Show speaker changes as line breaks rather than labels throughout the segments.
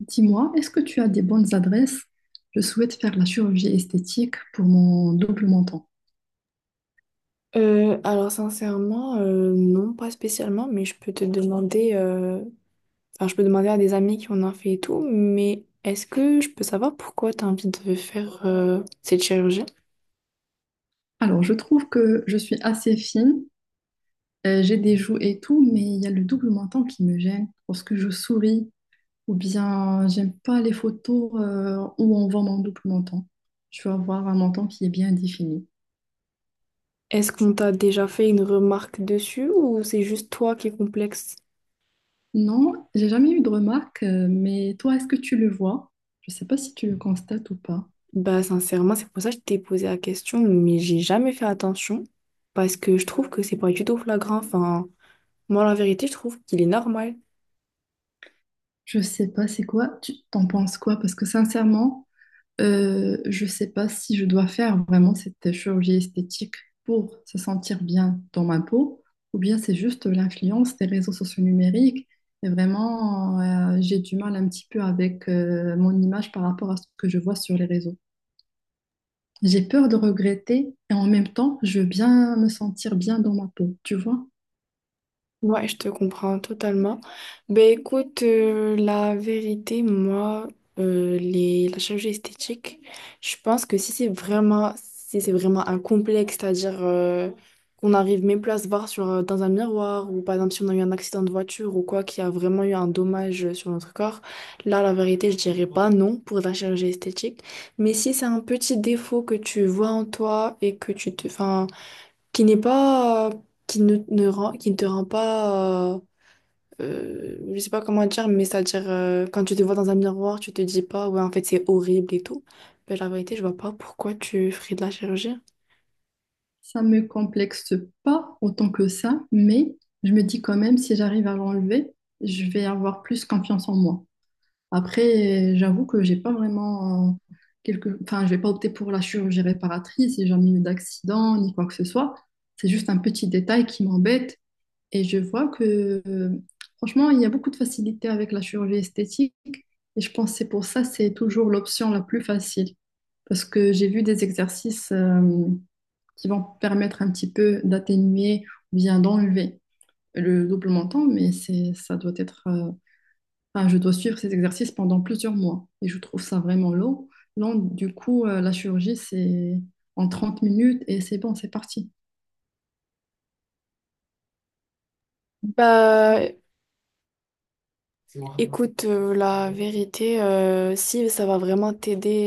Dis-moi, est-ce que tu as des bonnes adresses? Je souhaite faire la chirurgie esthétique pour mon double menton.
Alors sincèrement, non, pas spécialement, mais je peux te demander, enfin je peux demander à des amis qui en ont fait et tout, mais est-ce que je peux savoir pourquoi tu as envie de faire cette chirurgie?
Alors, je trouve que je suis assez fine, j'ai des joues et tout, mais il y a le double menton qui me gêne lorsque je souris, ou bien j'aime pas les photos où on voit mon double menton. Je veux avoir un menton qui est bien défini.
Est-ce qu'on t'a déjà fait une remarque dessus ou c'est juste toi qui est complexe?
Non, j'ai jamais eu de remarque. Mais toi, est-ce que tu le vois? Je sais pas si tu le constates ou pas.
Bah sincèrement, c'est pour ça que je t'ai posé la question, mais j'ai jamais fait attention parce que je trouve que c'est pas du tout flagrant. Enfin, moi la vérité, je trouve qu'il est normal.
Je sais pas, c'est quoi? Tu t'en penses quoi? Parce que sincèrement, je ne sais pas si je dois faire vraiment cette chirurgie esthétique pour se sentir bien dans ma peau, ou bien c'est juste l'influence des réseaux sociaux numériques. Et vraiment, j'ai du mal un petit peu avec mon image par rapport à ce que je vois sur les réseaux. J'ai peur de regretter et en même temps, je veux bien me sentir bien dans ma peau, tu vois.
Ouais, je te comprends totalement. Ben écoute, la vérité, moi, la chirurgie esthétique, je pense que si c'est vraiment un complexe, c'est-à-dire qu'on n'arrive même plus à se voir sur, dans un miroir, ou par exemple si on a eu un accident de voiture ou quoi, qui a vraiment eu un dommage sur notre corps, là, la vérité, je dirais pas non pour la chirurgie esthétique. Mais si c'est un petit défaut que tu vois en toi et que tu te... 'fin, qui n'est pas, qui ne te rend pas, je sais pas comment dire, mais c'est-à-dire quand tu te vois dans un miroir, tu te dis pas, ouais, en fait, c'est horrible et tout. Ben, la vérité, je vois pas pourquoi tu ferais de la chirurgie.
Ça me complexe pas autant que ça, mais je me dis quand même, si j'arrive à l'enlever, je vais avoir plus confiance en moi. Après, j'avoue que j'ai pas vraiment Enfin, je vais pas opter pour la chirurgie réparatrice, j'ai jamais eu d'accident ni quoi que ce soit. C'est juste un petit détail qui m'embête et je vois que, franchement, il y a beaucoup de facilité avec la chirurgie esthétique, et je pense que c'est pour ça, c'est toujours l'option la plus facile parce que j'ai vu des exercices qui vont permettre un petit peu d'atténuer ou bien d'enlever le double menton, mais ça doit être... Enfin, je dois suivre ces exercices pendant plusieurs mois et je trouve ça vraiment long. Long, du coup, la chirurgie, c'est en 30 minutes et c'est bon, c'est parti.
Bah, écoute, la vérité, si ça va vraiment t'aider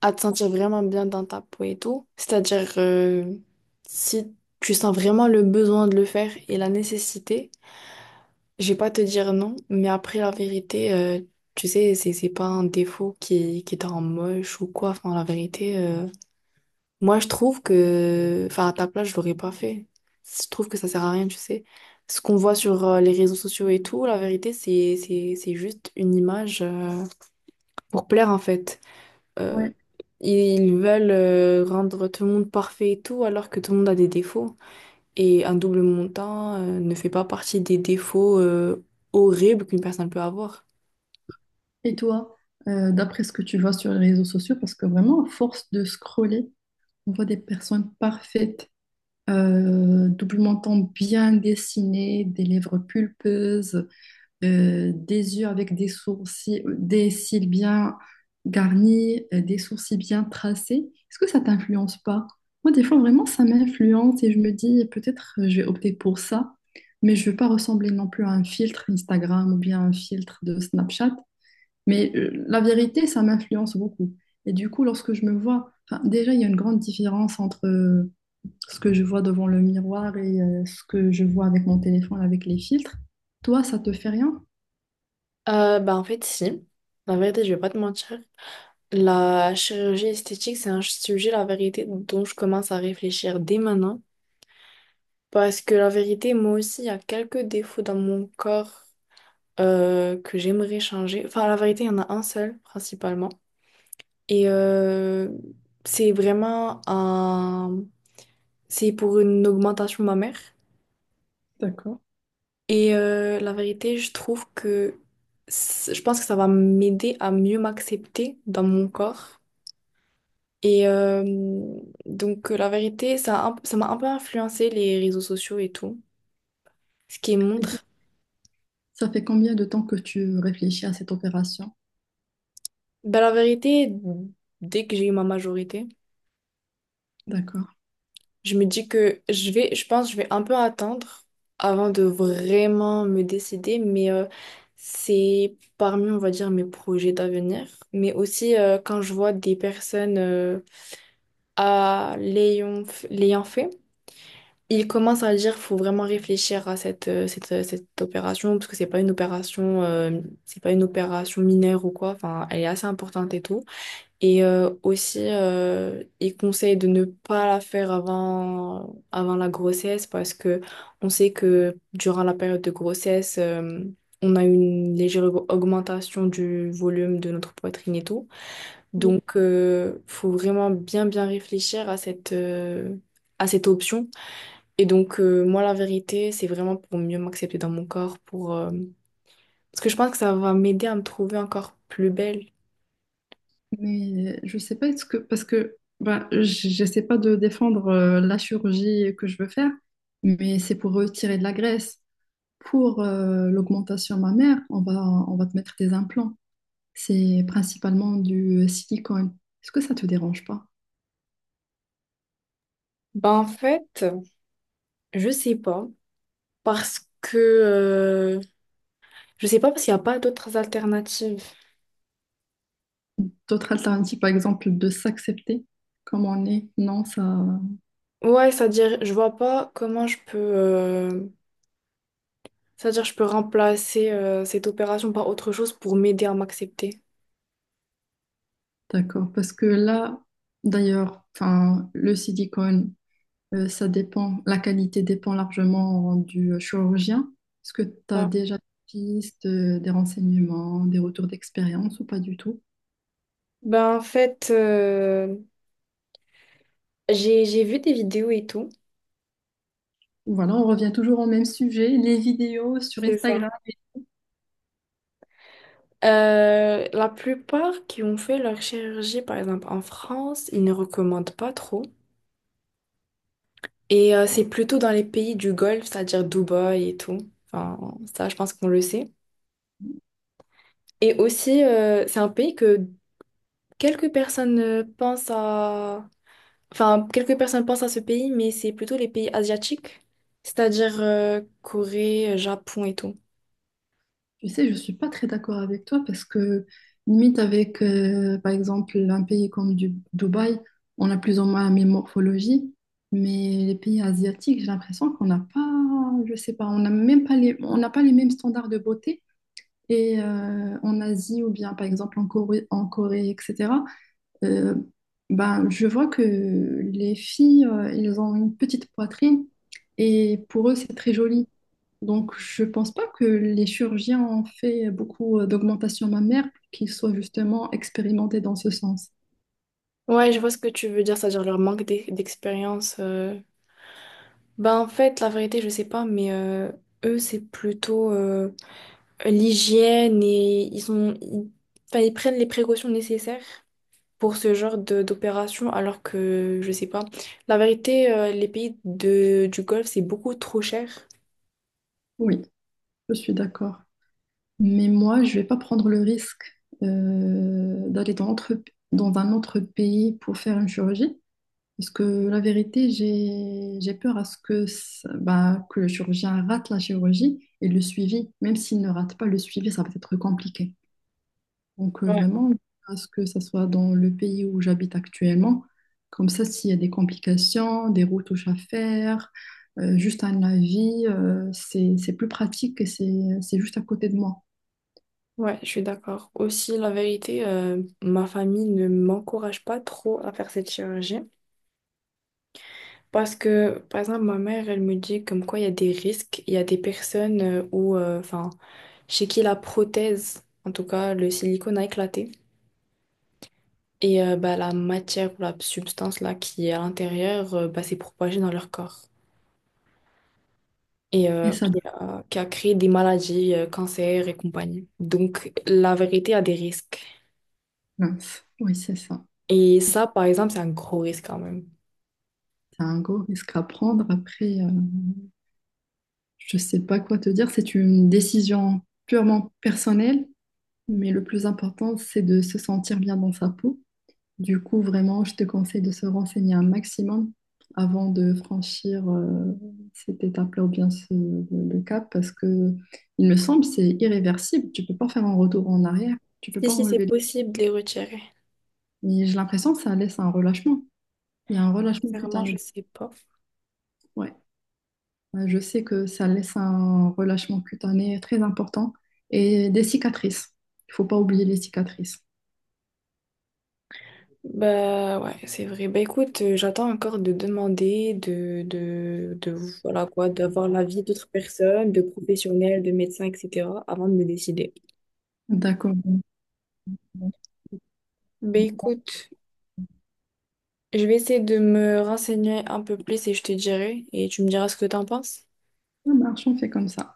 à te sentir vraiment bien dans ta peau et tout, c'est-à-dire si tu sens vraiment le besoin de le faire et la nécessité, je vais pas te dire non, mais après la vérité, tu sais, c'est pas un défaut qui te rend moche ou quoi. Enfin, la vérité, moi je trouve que, enfin, à ta place, je l'aurais pas fait. Je trouve que ça sert à rien, tu sais. Ce qu'on voit sur les réseaux sociaux et tout, la vérité, c'est juste une image pour plaire en fait. Euh,
Ouais.
ils veulent rendre tout le monde parfait et tout, alors que tout le monde a des défauts. Et un double montant ne fait pas partie des défauts horribles qu'une personne peut avoir.
Et toi, d'après ce que tu vois sur les réseaux sociaux, parce que vraiment, à force de scroller, on voit des personnes parfaites, doublement bien dessinées, des lèvres pulpeuses, des yeux avec des sourcils, des cils bien garnis, des sourcils bien tracés, est-ce que ça t'influence pas? Moi, des fois, vraiment, ça m'influence et je me dis, peut-être je vais opter pour ça, mais je veux pas ressembler non plus à un filtre Instagram ou bien un filtre de Snapchat. Mais la vérité, ça m'influence beaucoup. Et du coup, lorsque je me vois, enfin, déjà, il y a une grande différence entre ce que je vois devant le miroir et ce que je vois avec mon téléphone, avec les filtres. Toi, ça te fait rien?
Bah en fait, si. La vérité, je vais pas te mentir. La chirurgie esthétique, c'est un sujet, la vérité, dont je commence à réfléchir dès maintenant. Parce que la vérité, moi aussi, il y a quelques défauts dans mon corps que j'aimerais changer. Enfin, la vérité, il y en a un seul, principalement. Et c'est vraiment un... C'est pour une augmentation mammaire.
D'accord.
Et la vérité, je trouve que... Je pense que ça va m'aider à mieux m'accepter dans mon corps. Et euh, donc, la vérité, ça m'a un peu influencé les réseaux sociaux et tout, ce qui
Et Ça
montre.
ça fait combien de temps que tu réfléchis à cette opération?
Ben, la vérité, dès que j'ai eu ma majorité,
D'accord.
je pense, que je vais un peu attendre avant de vraiment me décider, mais c'est parmi, on va dire, mes projets d'avenir, mais aussi quand je vois des personnes l'ayant fait. Il commence à dire faut vraiment réfléchir à cette, cette opération parce que c'est pas une opération mineure ou quoi. Enfin, elle est assez importante et tout, et aussi il conseille de ne pas la faire avant la grossesse, parce que on sait que durant la période de grossesse on a une légère augmentation du volume de notre poitrine et tout.
Oui.
Donc faut vraiment bien réfléchir à cette option. Et donc, moi, la vérité, c'est vraiment pour mieux m'accepter dans mon corps, pour, parce que je pense que ça va m'aider à me trouver encore plus belle.
Mais je sais pas, est-ce que, parce que ben, j'essaie pas de défendre la chirurgie que je veux faire, mais c'est pour retirer de la graisse. Pour l'augmentation mammaire, on va te mettre des implants. C'est principalement du silicone. Est-ce que ça te dérange pas?
Ben, en fait, je sais pas, parce que, je sais pas parce qu'il n'y a pas d'autres alternatives.
D'autres alternatives, par exemple, de s'accepter comme on est, non, ça,
Ouais, c'est-à-dire, je vois pas comment je peux, je peux remplacer, cette opération par autre chose pour m'aider à m'accepter.
d'accord, parce que là, d'ailleurs, enfin, le silicone, ça dépend, la qualité dépend largement du chirurgien. Est-ce que tu as
Ça
déjà des pistes, des renseignements, des retours d'expérience ou pas du tout?
Ben, en fait, j'ai vu des vidéos et tout.
Voilà, on revient toujours au même sujet, les vidéos sur
C'est ça.
Instagram.
La plupart qui ont fait leur chirurgie, par exemple en France, ils ne recommandent pas trop. Et c'est plutôt dans les pays du Golfe, c'est-à-dire Dubaï et tout. Enfin, ça, je pense qu'on le sait. Et aussi, c'est un pays que quelques personnes pensent à... Enfin, quelques personnes pensent à ce pays, mais c'est plutôt les pays asiatiques, c'est-à-dire Corée, Japon et tout.
Tu sais, je suis pas très d'accord avec toi parce que limite avec, par exemple, un pays comme Dubaï, on a plus ou moins la même morphologie, mais les pays asiatiques, j'ai l'impression qu'on n'a pas, je sais pas, on n'a même pas on n'a pas les mêmes standards de beauté. Et en Asie ou bien par exemple en Corée, etc. Euh, ben, je vois que les filles, elles ont une petite poitrine et pour eux, c'est très joli. Donc, je pense pas que les chirurgiens ont fait beaucoup d'augmentation mammaire pour qu'ils soient justement expérimentés dans ce sens.
Ouais, je vois ce que tu veux dire, c'est-à-dire leur d'expérience. Ben, en fait, la vérité, je sais pas, mais eux, c'est plutôt l'hygiène, enfin, ils prennent les précautions nécessaires pour ce genre de d'opération, alors que, je sais pas, la vérité, les pays du Golfe, c'est beaucoup trop cher.
Oui, je suis d'accord. Mais moi, je vais pas prendre le risque d'aller dans un autre pays pour faire une chirurgie. Parce que la vérité, j'ai peur à ce que, bah, que le chirurgien rate la chirurgie et le suivi, même s'il ne rate pas le suivi, ça va être compliqué. Donc
Ouais,
vraiment, à ce que ça soit dans le pays où j'habite actuellement, comme ça, s'il y a des complications, des retouches à faire, juste un avis, c'est plus pratique et c'est juste à côté de moi.
Ouais, je suis d'accord. Aussi, la vérité, ma famille ne m'encourage pas trop à faire cette chirurgie. Parce que, par exemple, ma mère, elle me dit comme quoi il y a des risques, il y a des personnes enfin, chez qui la prothèse, en tout cas le silicone, a éclaté. Et bah, la matière ou la substance là qui est à l'intérieur, bah, s'est propagée dans leur corps et
Et ça,
qui a créé des maladies, cancers et compagnie. Donc la vérité a des risques.
mince. Oui, c'est ça.
Et ça, par exemple, c'est un gros risque quand même.
C'est un gros risque à prendre. Après, je sais pas quoi te dire, c'est une décision purement personnelle, mais le plus important, c'est de se sentir bien dans sa peau. Du coup, vraiment, je te conseille de se renseigner un maximum avant de franchir cette étape-là ou bien le cap, parce que il me semble c'est irréversible. Tu peux pas faire un retour en arrière, tu peux
Si,
pas
si, c'est
enlever. Les-
possible de les retirer.
Mais j'ai l'impression que ça laisse un relâchement. Il y a un relâchement
Sincèrement,
cutané.
je sais pas.
Ouais. Je sais que ça laisse un relâchement cutané très important et des cicatrices. Il faut pas oublier les cicatrices.
Bah ouais, c'est vrai. Bah écoute, j'attends encore de demander, de voilà quoi, d'avoir l'avis d'autres personnes, de professionnels, de médecins, etc. avant de me décider.
D'accord.
Bah écoute, je vais essayer de me renseigner un peu plus et je te dirai, et tu me diras ce que t'en penses.
Ça marche, on fait comme ça.